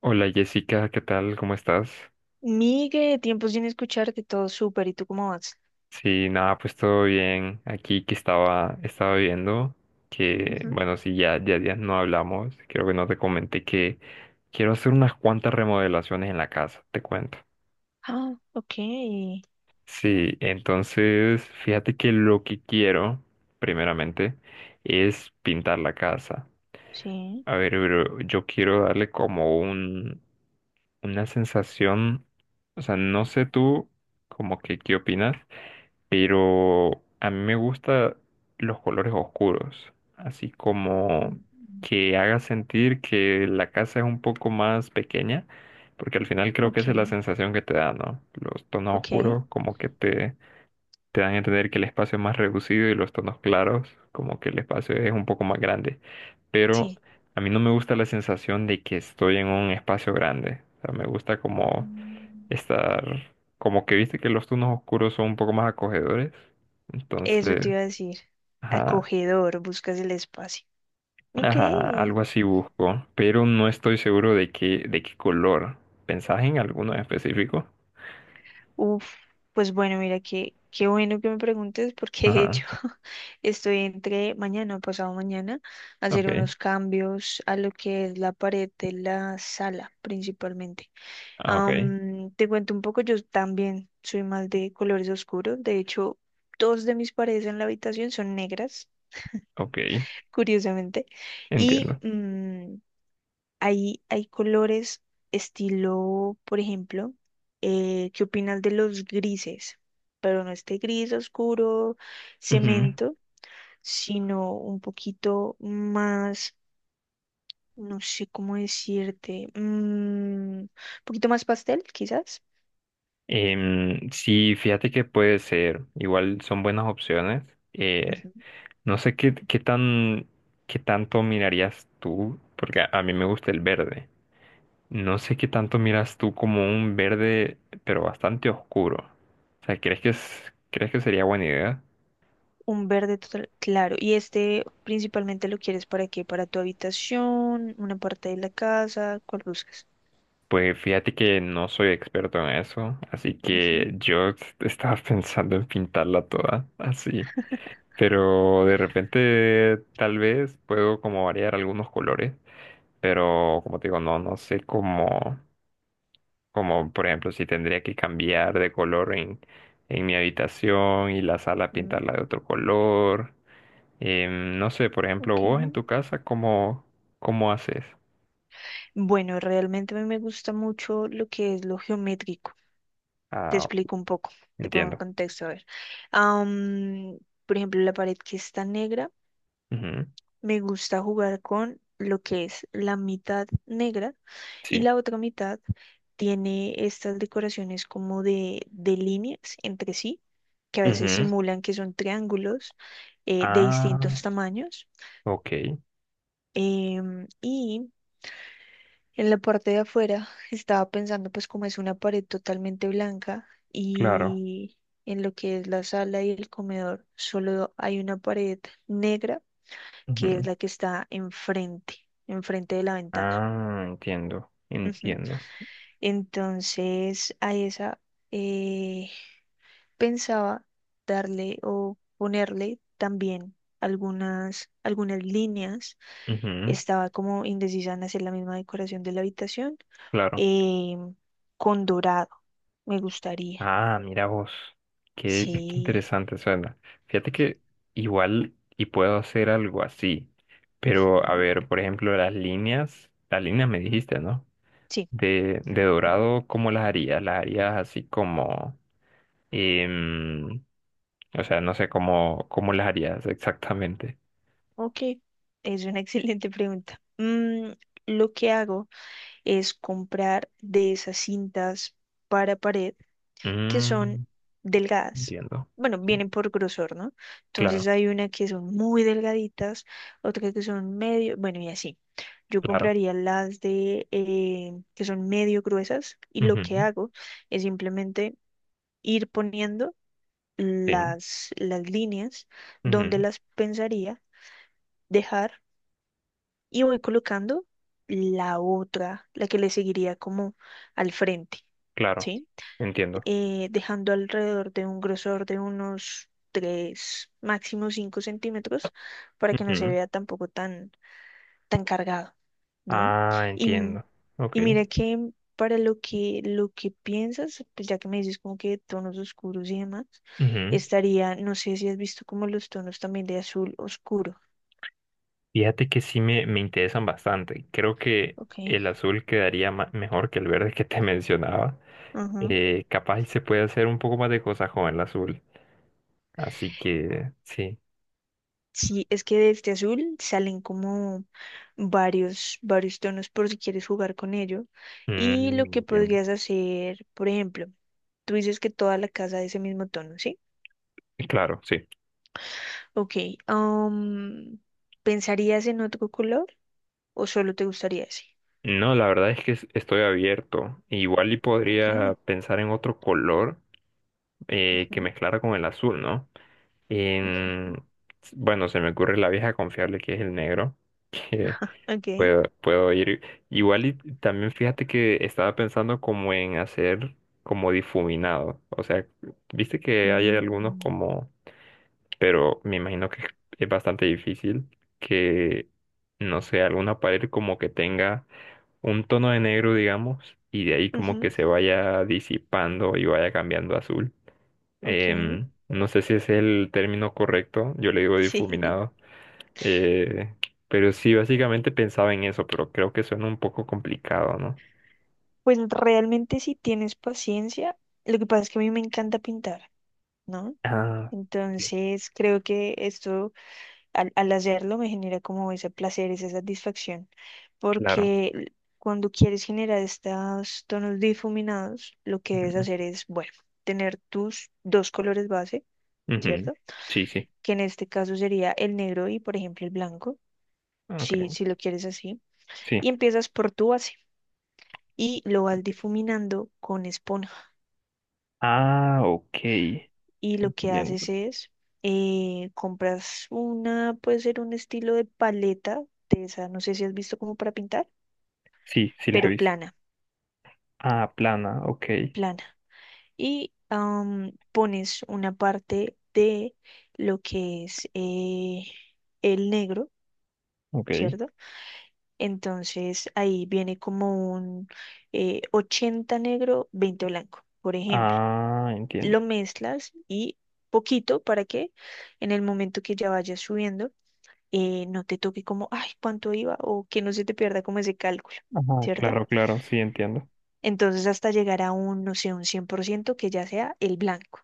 Hola Jessica, ¿qué tal? ¿Cómo estás? Migue, tiempo sin escucharte, todo súper. ¿Y tú cómo vas? Sí, nada, pues todo bien. Aquí que estaba viendo que, Ujú. bueno, sí, ya, ya, ya no hablamos. Creo que no te comenté que quiero hacer unas cuantas remodelaciones en la casa, te cuento. Ah, ok. Sí, entonces, fíjate que lo que quiero, primeramente, es pintar la casa. Sí. A ver, pero yo quiero darle como un, una sensación, o sea, no sé tú, como que, ¿qué opinas? Pero a mí me gustan los colores oscuros, así como Mm. que haga sentir que la casa es un poco más pequeña, porque al final creo que esa es la Ok, sensación que te da, ¿no? Los tonos ok, oscuros como que te dan a entender que el espacio es más reducido y los tonos claros como que el espacio es un poco más grande, pero sí. a mí no me gusta la sensación de que estoy en un espacio grande, o sea, me gusta como Mm. estar como que viste que los tonos oscuros son un poco más acogedores. Eso Entonces, te iba a decir. ajá, Acogedor, buscas el espacio. Ok. ajá, algo así busco, pero no estoy seguro de qué color. ¿Pensás en alguno en específico? Uf, pues bueno, mira, qué bueno que me preguntes porque de Ajá, hecho estoy entre mañana o pasado mañana a hacer ok, unos cambios a lo que es la pared de la sala principalmente. ah, ok, Te cuento un poco, yo también soy más de colores oscuros. De hecho, dos de mis paredes en la habitación son negras, ok, curiosamente. Y entiendo. Hay colores estilo, por ejemplo, ¿qué opinas de los grises? Pero no este gris oscuro, Ujú. cemento, sino un poquito más, no sé cómo decirte, un poquito más pastel, quizás. Sí, fíjate que puede ser, igual son buenas opciones. Eh, Ujú. no sé qué, qué tan, qué tanto mirarías tú, porque a mí me gusta el verde. No sé qué tanto miras tú como un verde, pero bastante oscuro. O sea, ¿crees que sería buena idea? Un verde total, claro. ¿Y este principalmente lo quieres para qué? ¿Para tu habitación? ¿Una parte de la casa? ¿Cuál buscas? Pues fíjate que no soy experto en eso, así que Ujú, yo estaba pensando en pintarla toda así. Pero de repente tal vez puedo como variar algunos colores, pero como te digo, no, no sé cómo, como por ejemplo si tendría que cambiar de color en mi habitación y la sala mm, pintarla de otro color. No sé, por ejemplo, ok. vos en tu casa, ¿cómo haces? Bueno, realmente a mí me gusta mucho lo que es lo geométrico. Te Ah, explico un poco, te pongo en entiendo. contexto, a ver. Am, por ejemplo, la pared que está negra. Ujú, Me gusta jugar con lo que es la mitad negra y Sí. la otra mitad tiene estas decoraciones como de líneas entre sí, que a veces Ujú. simulan que son triángulos de distintos Ah, tamaños. ok, Y en la parte de afuera estaba pensando pues como es una pared totalmente blanca claro. y en lo que es la sala y el comedor solo hay una pared negra que es Ujú. la que está enfrente, enfrente de la ventana. Ah, entiendo, Ujú. entiendo. Entonces, a esa eh, pensaba darle o ponerle también algunas líneas. Ujú, Estaba como indecisa en hacer la misma decoración de la habitación Claro. eh, con dorado. Me gustaría. Ah, mira vos. Qué, qué Sí. interesante suena. Fíjate que igual y puedo hacer algo así. Pero, a Ujú. ver, por ejemplo, las líneas me dijiste, ¿no? Sí. De dorado, ¿cómo las harías? ¿Las harías así como... Y, o sea, no sé cómo, cómo las harías exactamente. Ok. Es una excelente pregunta. Lo que hago es comprar de esas cintas para pared que son Mm, delgadas. entiendo. Bueno, Sí, vienen por grosor, ¿no? Entonces claro, hay una que son muy delgaditas, otra que son medio, bueno, y así. Yo claro. compraría las de que son medio gruesas y lo que Ujú, hago es simplemente ir poniendo Sí, las líneas donde ujú, las pensaría dejar y voy colocando la otra, la que le seguiría como al frente, claro. ¿sí? Entiendo. Dejando alrededor de un grosor de unos 3 máximo 5 centímetros para que no se Ujú. vea tampoco tan, tan cargado, ¿no? Ah, Y, entiendo. Ok. y mira que para lo que piensas, pues ya que me dices como que tonos oscuros y demás, Ujú. estaría, no sé si has visto como los tonos también de azul oscuro, Fíjate que sí me interesan bastante. Creo que ¿ok? el azul quedaría mejor que el verde que te mencionaba. Ajá. Capaz y se puede hacer un poco más de cosas con el azul. Así que sí. Sí, es que de este azul salen como varios tonos por si quieres jugar con ello. Y lo que Entiendo. podrías hacer, por ejemplo, tú dices que toda la casa es ese mismo tono, ¿sí? Claro, sí. Ok, am, ¿pensarías en otro color o solo te gustaría ese? No, la verdad es que estoy abierto. Igual y podría Ok, pensar en otro color que ujú, mezclara con el azul, ¿no? ujú, En- Bueno, se me ocurre la vieja confiable que es el negro, que ok, puedo ir. Igual y también fíjate que estaba pensando como en hacer como difuminado. O sea, viste que hay algunos mm, como, pero me imagino que es bastante difícil que, no sé, alguna pared como que tenga un tono de negro, digamos, y de ahí como ujú, que se vaya disipando y vaya cambiando a azul. ok, No sé si es el término correcto, yo le digo sí. difuminado, eh, pero sí, básicamente pensaba en eso, pero creo que suena un poco complicado, ¿no? Pues realmente si tienes paciencia, lo que pasa es que a mí me encanta pintar, ¿no? Ah, sí, Entonces, creo que esto, al hacerlo, me genera como ese placer, esa satisfacción, claro. porque cuando quieres generar estos tonos difuminados, lo que Ujú, debes hacer es, bueno, tener tus dos colores base, ujú. ¿cierto? Sí, sí. Que en este caso sería el negro y, por ejemplo, el blanco, Ok, si lo quieres así, sí. y empiezas por tu base y lo vas difuminando con esponja. Ah, ok. Y lo que Entiendo. haces es compras una, puede ser un estilo de paleta de esa, no sé si has visto como para pintar, Sí, sí las he pero visto. plana, Ah, plana, ok, plana. Y pones una parte de lo que es el negro, ok. ¿cierto? Entonces ahí viene como un 80 negro, 20 blanco, por ejemplo. Ah, entiendo. Lo mezclas y poquito para que en el momento que ya vayas subiendo, no te toque como, ay, cuánto iba, o que no se te pierda como ese cálculo, Ajá, ¿cierto? claro, claro, sí entiendo. Entonces hasta llegar a un, no sé, un 100% que ya sea el blanco.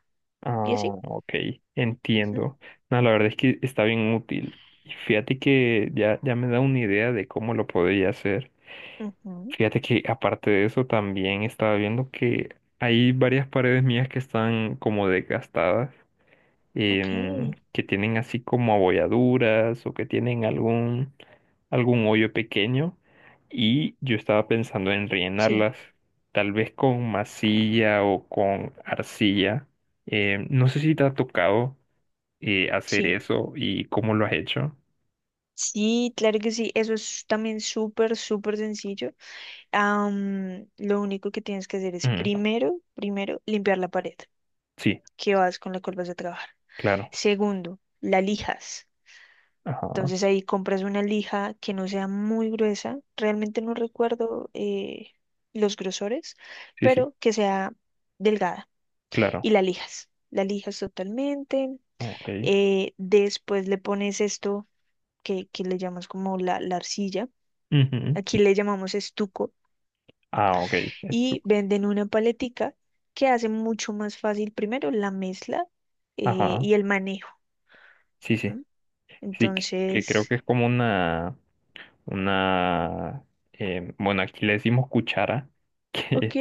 ¿Y Ah, así? ok, Ujú, entiendo. No, la verdad es que está bien útil. Y fíjate que ya, ya me da una idea de cómo lo podría hacer. ujú, Fíjate que aparte de eso también estaba viendo que hay varias paredes mías que están como desgastadas ok, que tienen así como abolladuras o que tienen algún, algún hoyo pequeño y yo estaba pensando en sí, rellenarlas tal vez con masilla o con arcilla. No sé si te ha tocado hacer sí. eso y cómo lo has hecho. Sí, claro que sí, eso es también súper, súper sencillo. Lo único que tienes que hacer es Mm, primero, primero, limpiar la pared sí, que vas con la cual vas a trabajar. claro. Segundo, la lijas. Ajá. Entonces ahí compras una lija que no sea muy gruesa. Realmente no recuerdo los grosores, Sí, sí, pero que sea delgada. claro. Y la lijas. La lijas totalmente. Ok. Después le pones esto que le llamas como la arcilla. Ujú. Aquí le llamamos estuco. Ah, ok. Estu- Y venden una paletica que hace mucho más fácil primero la mezcla Ajá. y el manejo. Sí, sí. ¿M? Sí, que creo Entonces, que es como una, bueno, aquí le decimos cuchara, ok. que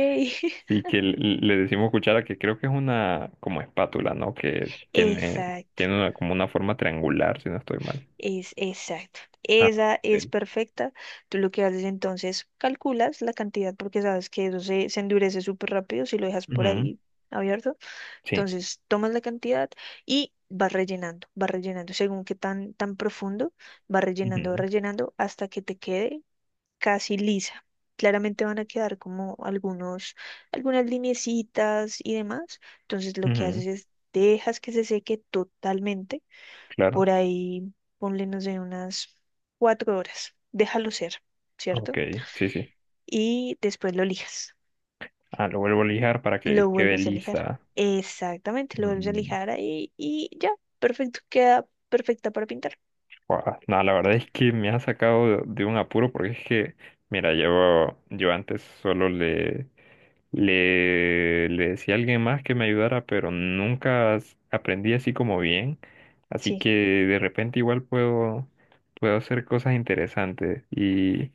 sí que le decimos cuchara, que creo que es una como espátula, ¿no? Que tiene, Exacto. tiene como una forma triangular, si no estoy mal. Es exacto. Ah, Esa ok. es perfecta. Tú lo que haces entonces, calculas la cantidad porque sabes que eso se endurece súper rápido si lo dejas por Ujú, ahí abierto. Sí. Entonces, tomas la cantidad y vas rellenando, vas rellenando. Según qué tan, tan profundo, vas Ujú, rellenando hasta que te quede casi lisa. Claramente van a quedar como algunos, algunas lineecitas y demás. Entonces, lo que ujú, haces es dejas que se seque totalmente por claro. ahí, ponle, no sé, unas 4 horas. Déjalo ser, Ok, ¿cierto? sí, sí. Y después lo lijas. Ah, lo vuelvo a lijar para que Lo quede vuelves a lijar. lisa. Exactamente, lo vuelves a Mm, lijar ahí y ya, perfecto, queda perfecta para pintar. guau, no, la verdad es que me ha sacado de un apuro porque es que, mira, yo antes solo le le decía a alguien más que me ayudara, pero nunca aprendí así como bien. Así Sí, que de repente igual puedo hacer cosas interesantes y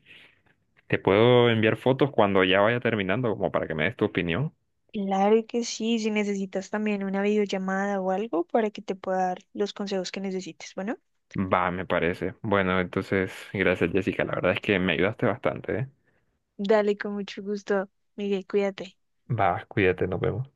te puedo enviar fotos cuando ya vaya terminando, como para que me des tu opinión. claro que sí, si necesitas también una videollamada o algo para que te pueda dar los consejos que necesites. Bueno, Va, me parece. Bueno, entonces, gracias Jessica, la verdad es que me ayudaste bastante, ¿eh? dale con mucho gusto, Miguel, cuídate. Va, cuídate, nos vemos.